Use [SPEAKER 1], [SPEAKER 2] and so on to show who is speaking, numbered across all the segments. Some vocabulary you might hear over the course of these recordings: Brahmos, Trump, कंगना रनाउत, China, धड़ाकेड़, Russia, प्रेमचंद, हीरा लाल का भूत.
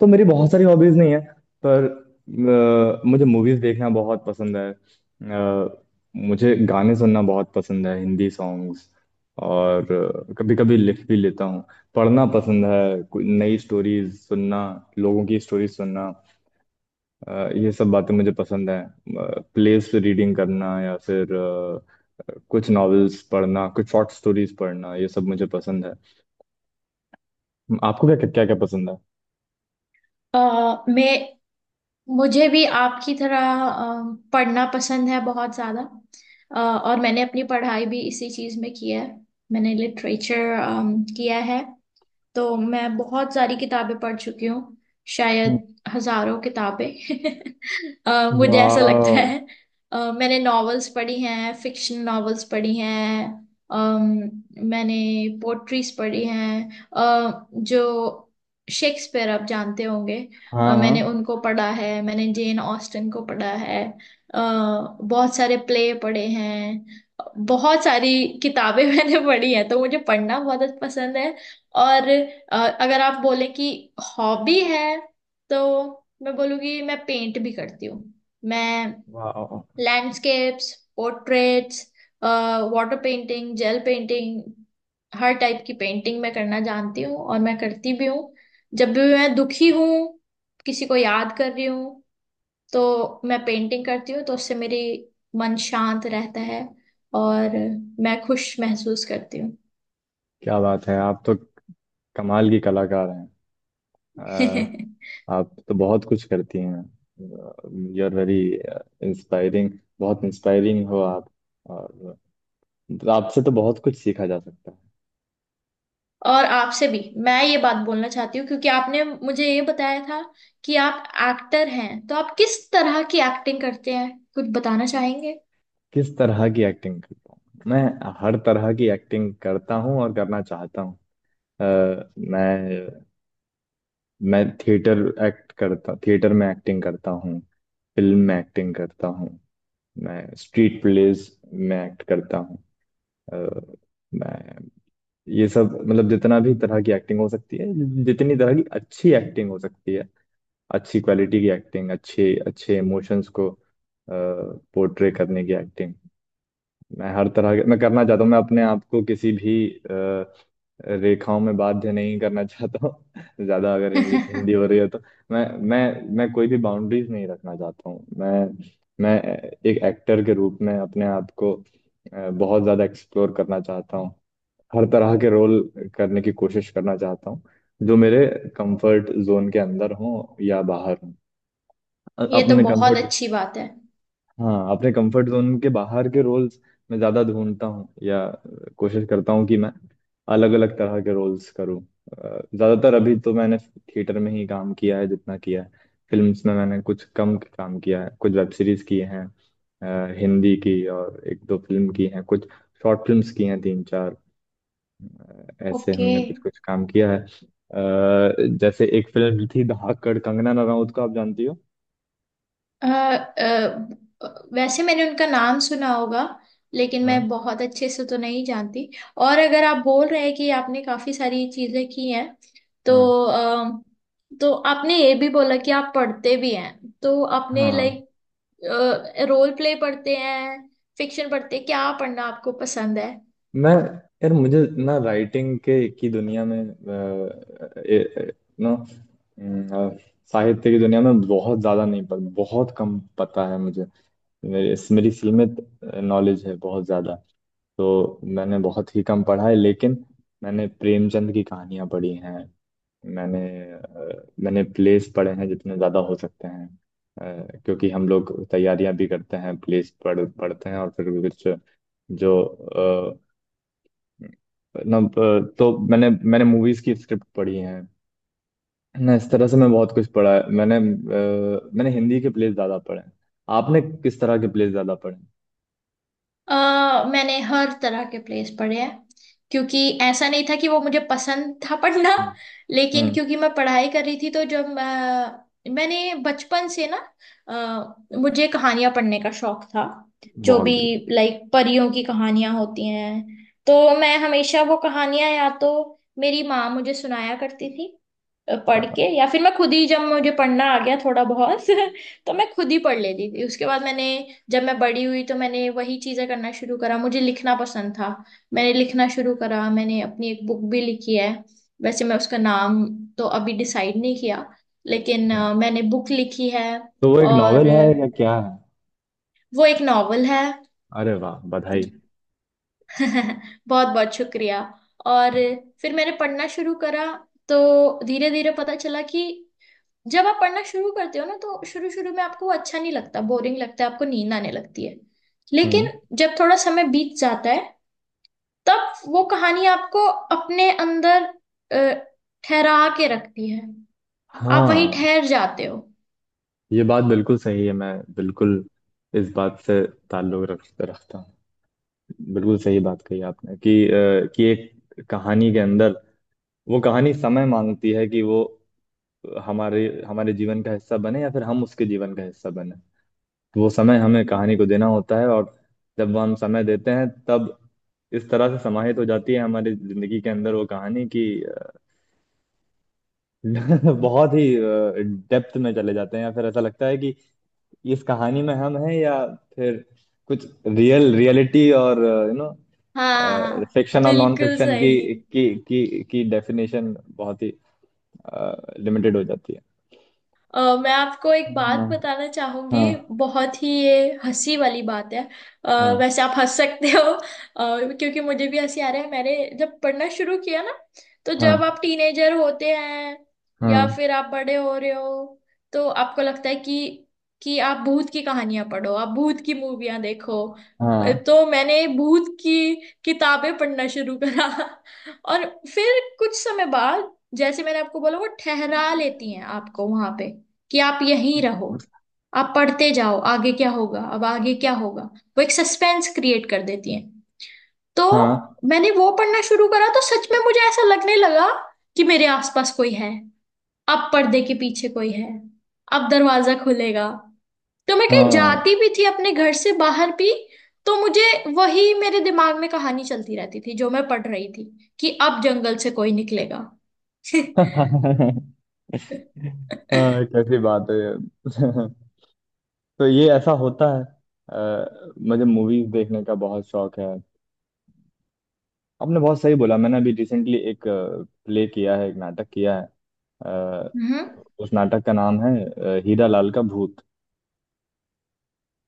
[SPEAKER 1] तो मेरी बहुत सारी हॉबीज नहीं है, पर मुझे मूवीज देखना बहुत पसंद है। मुझे गाने सुनना बहुत पसंद है, हिंदी सॉन्ग्स, और कभी कभी लिख भी लेता हूँ। पढ़ना पसंद है, कोई नई स्टोरीज सुनना, लोगों की स्टोरीज सुनना, ये सब बातें मुझे पसंद है। प्लेस रीडिंग करना या फिर कुछ नॉवेल्स पढ़ना, कुछ शॉर्ट स्टोरीज पढ़ना, ये सब मुझे पसंद है। आपको क्या क्या क्या पसंद है?
[SPEAKER 2] अ, मैं मुझे भी आपकी तरह पढ़ना पसंद है बहुत ज़्यादा। और मैंने अपनी पढ़ाई भी इसी चीज़ में की है। मैंने लिटरेचर किया है, तो मैं बहुत सारी किताबें पढ़ चुकी हूँ, शायद हजारों किताबें। मुझे ऐसा लगता
[SPEAKER 1] वाह।
[SPEAKER 2] है। मैंने नॉवेल्स पढ़ी हैं, फिक्शन नॉवेल्स पढ़ी हैं। अम, मैंने पोट्रीज पढ़ी हैं। जो शेक्सपियर, आप जानते होंगे,
[SPEAKER 1] हाँ
[SPEAKER 2] मैंने
[SPEAKER 1] हाँ।
[SPEAKER 2] उनको पढ़ा है। मैंने जेन ऑस्टन को पढ़ा है। अ, बहुत सारे प्ले पढ़े हैं, बहुत सारी किताबें मैंने पढ़ी हैं। तो मुझे पढ़ना बहुत पसंद है। और अगर आप बोले कि हॉबी है, तो मैं बोलूँगी मैं पेंट भी करती हूँ। मैं
[SPEAKER 1] वाह,
[SPEAKER 2] landscapes, portraits, water painting, gel painting, हर टाइप की पेंटिंग मैं करना जानती हूँ, और मैं करती भी हूँ। जब भी मैं दुखी हूँ, किसी को याद कर रही हूँ, तो मैं पेंटिंग करती हूँ, तो उससे मेरी मन शांत रहता है, और मैं खुश महसूस करती हूँ।
[SPEAKER 1] क्या बात है! आप तो कमाल की कलाकार हैं। अ, आप तो बहुत कुछ करती हैं। You are very inspiring. बहुत इंस्पायरिंग हो आप। और आपसे तो बहुत कुछ सीखा जा सकता है।
[SPEAKER 2] और आपसे भी मैं ये बात बोलना चाहती हूँ, क्योंकि आपने मुझे ये बताया था कि आप एक्टर हैं, तो आप किस तरह की एक्टिंग करते हैं, कुछ बताना चाहेंगे।
[SPEAKER 1] किस तरह की एक्टिंग करता हूँ मैं? हर तरह की एक्टिंग करता हूँ और करना चाहता हूँ। अ, मैं मैं थिएटर एक्ट करता, थिएटर में एक्टिंग करता हूँ। फिल्म में एक्टिंग करता हूँ। मैं स्ट्रीट प्लेज में एक्ट करता हूँ। अ, मैं, ये सब मतलब जितना भी तरह की एक्टिंग हो सकती है, जितनी तरह की अच्छी एक्टिंग हो सकती है, अच्छी क्वालिटी की एक्टिंग, अच्छे अच्छे इमोशंस को पोर्ट्रे करने की एक्टिंग, मैं हर तरह के मैं करना चाहता हूँ। मैं अपने आप को किसी भी रेखाओं में बाध्य नहीं करना चाहता हूँ ज्यादा। अगर इंग्लिश हिंदी हो रही है तो मैं मैं मैं कोई भी बाउंड्रीज नहीं रखना चाहता हूँ। मैं एक एक्टर के रूप में अपने आप को बहुत ज्यादा एक्सप्लोर करना चाहता हूँ। हर तरह के रोल करने की कोशिश करना चाहता हूँ, जो मेरे कंफर्ट जोन के अंदर हो या बाहर हो।
[SPEAKER 2] ये तो
[SPEAKER 1] अपने
[SPEAKER 2] बहुत
[SPEAKER 1] कंफर्ट,
[SPEAKER 2] अच्छी बात है।
[SPEAKER 1] हाँ अपने कंफर्ट जोन के बाहर के रोल्स मैं ज्यादा ढूंढता हूँ या कोशिश करता हूँ कि मैं अलग अलग तरह के रोल्स करूँ। ज्यादातर अभी तो मैंने थिएटर में ही काम किया है, जितना किया है। फिल्म्स में मैंने कुछ कम काम किया है। कुछ वेब सीरीज किए हैं। हिंदी की, और एक दो फिल्म की हैं, कुछ शॉर्ट फिल्म्स की हैं, तीन चार ऐसे
[SPEAKER 2] ओके।
[SPEAKER 1] हमने कुछ कुछ काम किया है। जैसे एक फिल्म थी धड़ाकेड़, कंगना रनाउत को आप जानती हो?
[SPEAKER 2] अ, अ, वैसे मैंने उनका नाम सुना होगा, लेकिन
[SPEAKER 1] हाँ।
[SPEAKER 2] मैं बहुत अच्छे से तो नहीं जानती। और अगर आप बोल रहे हैं कि आपने काफी सारी चीजें की हैं, तो
[SPEAKER 1] हाँ।
[SPEAKER 2] अ, तो आपने ये भी बोला कि आप पढ़ते भी हैं, तो आपने,
[SPEAKER 1] हाँ।
[SPEAKER 2] लाइक, रोल प्ले पढ़ते हैं, फिक्शन पढ़ते हैं, क्या पढ़ना आपको पसंद है।
[SPEAKER 1] मैं, यार मुझे ना राइटिंग के की दुनिया में, नो, साहित्य की दुनिया में बहुत ज्यादा नहीं, पर बहुत कम पता है मुझे। मेरी मेरी सीमित नॉलेज है, बहुत ज्यादा तो मैंने बहुत ही कम पढ़ा है। लेकिन मैंने प्रेमचंद की कहानियां पढ़ी हैं। मैंने मैंने प्लेस पढ़े हैं, जितने ज़्यादा हो सकते हैं। क्योंकि हम लोग तैयारियां भी करते हैं, प्लेस पढ़ पढ़ते हैं और फिर कुछ जो ना तो मैंने मैंने मूवीज की स्क्रिप्ट पढ़ी है ना, इस तरह से मैं बहुत कुछ पढ़ा है मैंने। मैंने हिंदी के प्लेस ज्यादा पढ़े हैं। आपने किस तरह के प्लेस ज्यादा पढ़े हैं?
[SPEAKER 2] अ मैंने हर तरह के प्लेस पढ़े हैं, क्योंकि ऐसा नहीं था कि वो मुझे पसंद था पढ़ना,
[SPEAKER 1] हम्म।
[SPEAKER 2] लेकिन
[SPEAKER 1] हम्म,
[SPEAKER 2] क्योंकि मैं पढ़ाई कर रही थी। तो जब मैंने बचपन से ना, अ, मुझे कहानियां पढ़ने का शौक था। जो
[SPEAKER 1] बहुत
[SPEAKER 2] भी,
[SPEAKER 1] बढ़िया।
[SPEAKER 2] लाइक, परियों की कहानियां होती हैं, तो मैं हमेशा वो कहानियां या तो मेरी माँ मुझे सुनाया करती थी,
[SPEAKER 1] क्या
[SPEAKER 2] पढ़ के,
[SPEAKER 1] बात
[SPEAKER 2] या फिर मैं खुद ही, जब मुझे पढ़ना आ गया थोड़ा बहुत तो मैं खुद ही पढ़ लेती थी। उसके बाद मैंने, जब मैं बड़ी हुई, तो मैंने वही चीजें करना शुरू करा। मुझे लिखना पसंद था, मैंने लिखना शुरू करा। मैंने अपनी एक बुक भी लिखी है। वैसे मैं उसका नाम तो अभी डिसाइड नहीं किया, लेकिन
[SPEAKER 1] है!
[SPEAKER 2] मैंने बुक लिखी है।
[SPEAKER 1] तो वो एक
[SPEAKER 2] और
[SPEAKER 1] नॉवेल है या क्या है?
[SPEAKER 2] वो एक नॉवल है।
[SPEAKER 1] अरे वाह, बधाई!
[SPEAKER 2] बहुत बहुत शुक्रिया। और फिर मैंने पढ़ना शुरू करा, तो धीरे धीरे पता चला कि जब आप पढ़ना शुरू करते हो ना, तो शुरू शुरू में आपको वो अच्छा नहीं लगता, बोरिंग लगता है, आपको नींद आने लगती है।
[SPEAKER 1] हम्म,
[SPEAKER 2] लेकिन जब थोड़ा समय बीत जाता है, तब वो कहानी आपको अपने अंदर अ, ठहरा के रखती है। आप वहीं
[SPEAKER 1] हाँ।
[SPEAKER 2] ठहर जाते हो।
[SPEAKER 1] ये बात बिल्कुल सही है, मैं बिल्कुल इस बात से ताल्लुक रख रखता हूँ। बिल्कुल सही बात कही आपने कि कि एक कहानी के अंदर, वो कहानी समय मांगती है कि वो हमारे हमारे जीवन का हिस्सा बने, या फिर हम उसके जीवन का हिस्सा बने। वो समय हमें कहानी को देना होता है, और जब वो हम समय देते हैं तब इस तरह से समाहित हो जाती है हमारी जिंदगी के अंदर वो कहानी, कि बहुत ही डेप्थ में चले जाते हैं, या फिर ऐसा लगता है कि इस कहानी में हम हैं, या फिर कुछ रियल रियलिटी, और
[SPEAKER 2] हाँ,
[SPEAKER 1] फिक्शन और नॉन
[SPEAKER 2] बिल्कुल
[SPEAKER 1] फिक्शन की
[SPEAKER 2] सही।
[SPEAKER 1] की की की डेफिनेशन बहुत ही लिमिटेड हो जाती है।
[SPEAKER 2] मैं आपको एक बात
[SPEAKER 1] हाँ।
[SPEAKER 2] बताना चाहूंगी,
[SPEAKER 1] हाँ।
[SPEAKER 2] बहुत ही ये हंसी वाली बात है। अ,
[SPEAKER 1] हाँ।
[SPEAKER 2] वैसे आप हंस सकते हो, क्योंकि मुझे भी हंसी आ रहा है। मैंने जब पढ़ना शुरू किया ना, तो जब
[SPEAKER 1] हाँ।
[SPEAKER 2] आप टीनेजर होते हैं, या
[SPEAKER 1] हाँ।
[SPEAKER 2] फिर आप बड़े हो रहे हो, तो आपको लगता है कि आप भूत की कहानियां पढ़ो, आप भूत की मूवियां देखो।
[SPEAKER 1] हाँ।
[SPEAKER 2] तो मैंने भूत की किताबें पढ़ना शुरू करा। और फिर कुछ समय बाद, जैसे मैंने आपको बोला, वो ठहरा लेती हैं आपको वहां पे, कि आप यहीं रहो, आप पढ़ते जाओ, आगे क्या होगा, अब आगे क्या होगा। वो एक सस्पेंस क्रिएट कर देती हैं। तो
[SPEAKER 1] हाँ।
[SPEAKER 2] मैंने वो पढ़ना शुरू करा, तो सच में मुझे ऐसा लगने लगा कि मेरे आसपास कोई है, अब पर्दे के पीछे कोई है, अब दरवाजा खुलेगा। तो मैं कहीं
[SPEAKER 1] हाँ।
[SPEAKER 2] जाती भी थी अपने घर से बाहर भी, तो मुझे वही मेरे दिमाग में कहानी चलती रहती थी जो मैं पढ़ रही थी, कि अब जंगल से कोई निकलेगा।
[SPEAKER 1] हाँ, कैसी बात है ये। तो ये ऐसा होता है। मुझे मूवीज देखने का बहुत शौक है। आपने बहुत सही बोला। मैंने अभी रिसेंटली एक प्ले किया है, एक नाटक किया है। अ,
[SPEAKER 2] हम्म।
[SPEAKER 1] उस नाटक का नाम है हीरा लाल का भूत।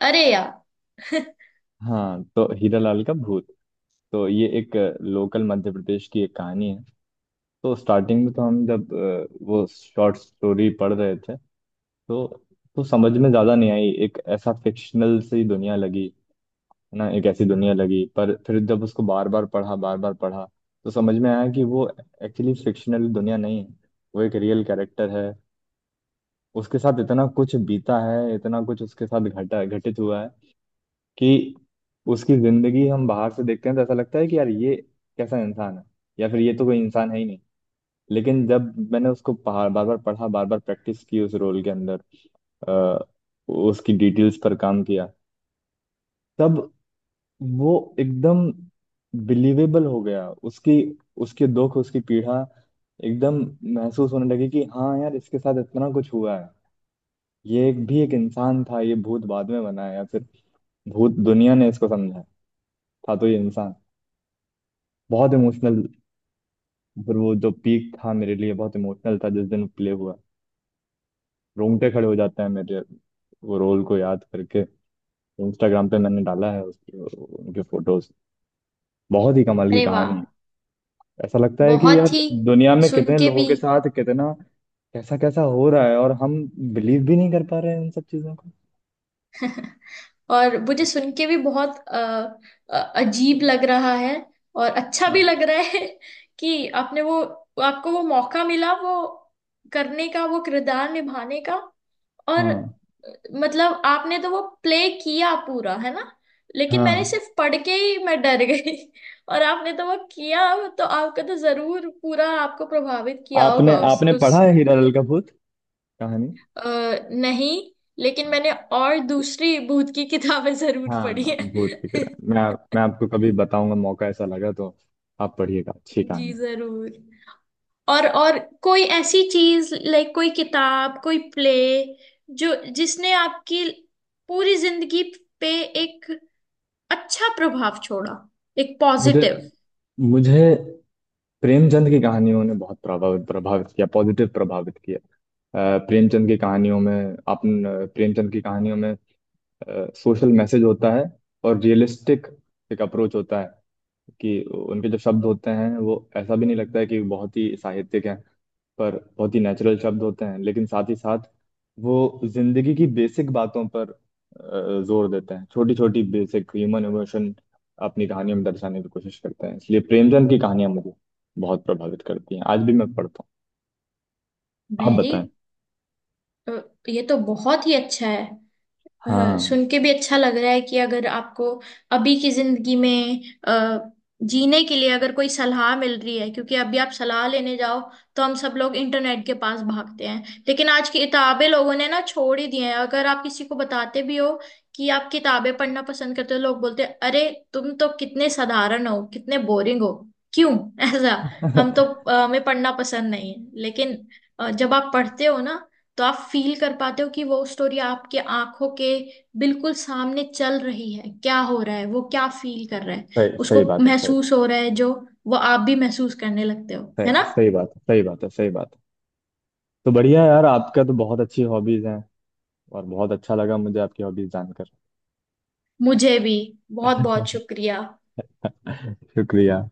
[SPEAKER 2] अरे यार।
[SPEAKER 1] हाँ, तो हीरा लाल का भूत, तो ये एक लोकल मध्य प्रदेश की एक कहानी है। तो स्टार्टिंग में तो हम जब वो शॉर्ट स्टोरी पढ़ रहे थे, तो तो समझ में ज्यादा नहीं आई, एक ऐसा फिक्शनल सी दुनिया लगी, है ना, एक ऐसी दुनिया लगी। पर फिर जब उसको बार बार पढ़ा, बार बार पढ़ा, तो समझ में आया कि वो एक्चुअली फिक्शनल दुनिया नहीं है। वो एक रियल कैरेक्टर है। उसके साथ इतना कुछ बीता है, इतना कुछ उसके साथ घटा, घटित हुआ है कि उसकी जिंदगी हम बाहर से देखते हैं तो ऐसा लगता है कि यार ये कैसा इंसान है, या फिर ये तो कोई इंसान है ही नहीं। लेकिन जब मैंने उसको बार बार पढ़ा, बार बार प्रैक्टिस की, उस रोल के अंदर अ, उसकी डिटेल्स पर काम किया, तब वो एकदम बिलीवेबल हो गया। उसकी, उसके दुख, उसकी पीड़ा एकदम महसूस होने लगी, कि हाँ यार, इसके साथ इतना कुछ हुआ है। ये एक भी, एक इंसान था, ये भूत बाद में बना है, या फिर भूत दुनिया ने इसको समझा है। था तो ये इंसान। बहुत इमोशनल, फिर वो जो पीक था मेरे लिए बहुत इमोशनल था जिस दिन प्ले हुआ। रोंगटे खड़े हो जाते हैं मेरे वो रोल को याद करके। इंस्टाग्राम पे मैंने डाला है उसके, उनके फोटोज। बहुत ही कमाल की
[SPEAKER 2] अरे वाह,
[SPEAKER 1] कहानी है। ऐसा लगता है कि यार
[SPEAKER 2] बहुत ही,
[SPEAKER 1] दुनिया में
[SPEAKER 2] सुन
[SPEAKER 1] कितने
[SPEAKER 2] के
[SPEAKER 1] लोगों
[SPEAKER 2] भी।
[SPEAKER 1] के साथ कितना कैसा कैसा हो रहा है, और हम बिलीव भी नहीं कर पा रहे हैं उन सब चीजों को।
[SPEAKER 2] और मुझे सुन के भी बहुत अ, अजीब लग रहा है, और अच्छा भी
[SPEAKER 1] हम्म।
[SPEAKER 2] लग रहा है, कि आपने वो, आपको वो मौका मिला, वो करने का, वो किरदार निभाने का। और
[SPEAKER 1] हाँ।
[SPEAKER 2] मतलब आपने तो वो प्ले किया पूरा है ना, लेकिन मैंने
[SPEAKER 1] हाँ।
[SPEAKER 2] सिर्फ पढ़ के ही मैं डर गई। और आपने तो वो किया, तो आपका तो जरूर पूरा आपको प्रभावित किया
[SPEAKER 1] आपने
[SPEAKER 2] होगा उस
[SPEAKER 1] आपने
[SPEAKER 2] उस
[SPEAKER 1] पढ़ा है हीरा लाल का भूत कहानी?
[SPEAKER 2] अ, नहीं, लेकिन
[SPEAKER 1] हाँ।
[SPEAKER 2] मैंने और दूसरी भूत की किताबें जरूर पढ़ी
[SPEAKER 1] हाँ, भूत की
[SPEAKER 2] है।
[SPEAKER 1] तरह मैं मैं आपको कभी बताऊंगा, मौका ऐसा लगा तो आप पढ़िएगा, अच्छी कहानी
[SPEAKER 2] जी
[SPEAKER 1] है।
[SPEAKER 2] जरूर। और कोई ऐसी चीज, लाइक, कोई किताब, कोई प्ले, जो जिसने आपकी पूरी जिंदगी पे एक अच्छा प्रभाव छोड़ा, एक
[SPEAKER 1] मुझे
[SPEAKER 2] पॉजिटिव,
[SPEAKER 1] मुझे प्रेमचंद की कहानियों ने बहुत प्रभावित प्रभावित किया, पॉजिटिव प्रभावित किया। प्रेमचंद की कहानियों में, आप, प्रेमचंद की कहानियों में सोशल मैसेज होता है, और रियलिस्टिक एक अप्रोच होता है कि उनके जो शब्द होते हैं वो ऐसा भी नहीं लगता है कि बहुत ही साहित्यिक हैं, पर बहुत ही नेचुरल शब्द होते हैं, लेकिन साथ ही साथ वो जिंदगी की बेसिक बातों पर जोर देते हैं, छोटी छोटी बेसिक ह्यूमन इमोशन अपनी कहानियों में दर्शाने की कोशिश करते हैं, इसलिए प्रेमचंद की कहानियां मुझे बहुत प्रभावित करती हैं, आज भी मैं पढ़ता हूँ। आप
[SPEAKER 2] वेरी।
[SPEAKER 1] बताएं।
[SPEAKER 2] ये तो बहुत ही अच्छा है।
[SPEAKER 1] हाँ।
[SPEAKER 2] सुन के भी अच्छा लग रहा है, कि अगर आपको अभी की जिंदगी में अ, जीने के लिए अगर कोई सलाह मिल रही है, क्योंकि अभी आप सलाह लेने जाओ, तो हम सब लोग इंटरनेट के पास भागते हैं। लेकिन आज की किताबें लोगों ने ना छोड़ ही दी हैं। अगर आप किसी को बताते भी हो कि आप किताबें पढ़ना पसंद करते हो, तो लोग बोलते हैं, अरे तुम तो कितने साधारण हो, कितने बोरिंग हो, क्यों। ऐसा, हम तो, हमें पढ़ना पसंद नहीं है। लेकिन जब आप पढ़ते हो ना, तो आप फील कर पाते हो कि वो स्टोरी आपके आंखों के बिल्कुल सामने चल रही है, क्या हो रहा है, वो क्या फील कर रहा है,
[SPEAKER 1] सही
[SPEAKER 2] उसको
[SPEAKER 1] सही बात है, सही,
[SPEAKER 2] महसूस हो रहा है, जो वो आप भी महसूस करने लगते हो, है ना।
[SPEAKER 1] सही बात है, सही बात है, सही बात है। तो बढ़िया यार, आपका तो बहुत अच्छी हॉबीज हैं, और बहुत अच्छा लगा मुझे आपकी हॉबीज जानकर।
[SPEAKER 2] मुझे भी, बहुत बहुत शुक्रिया।
[SPEAKER 1] शुक्रिया।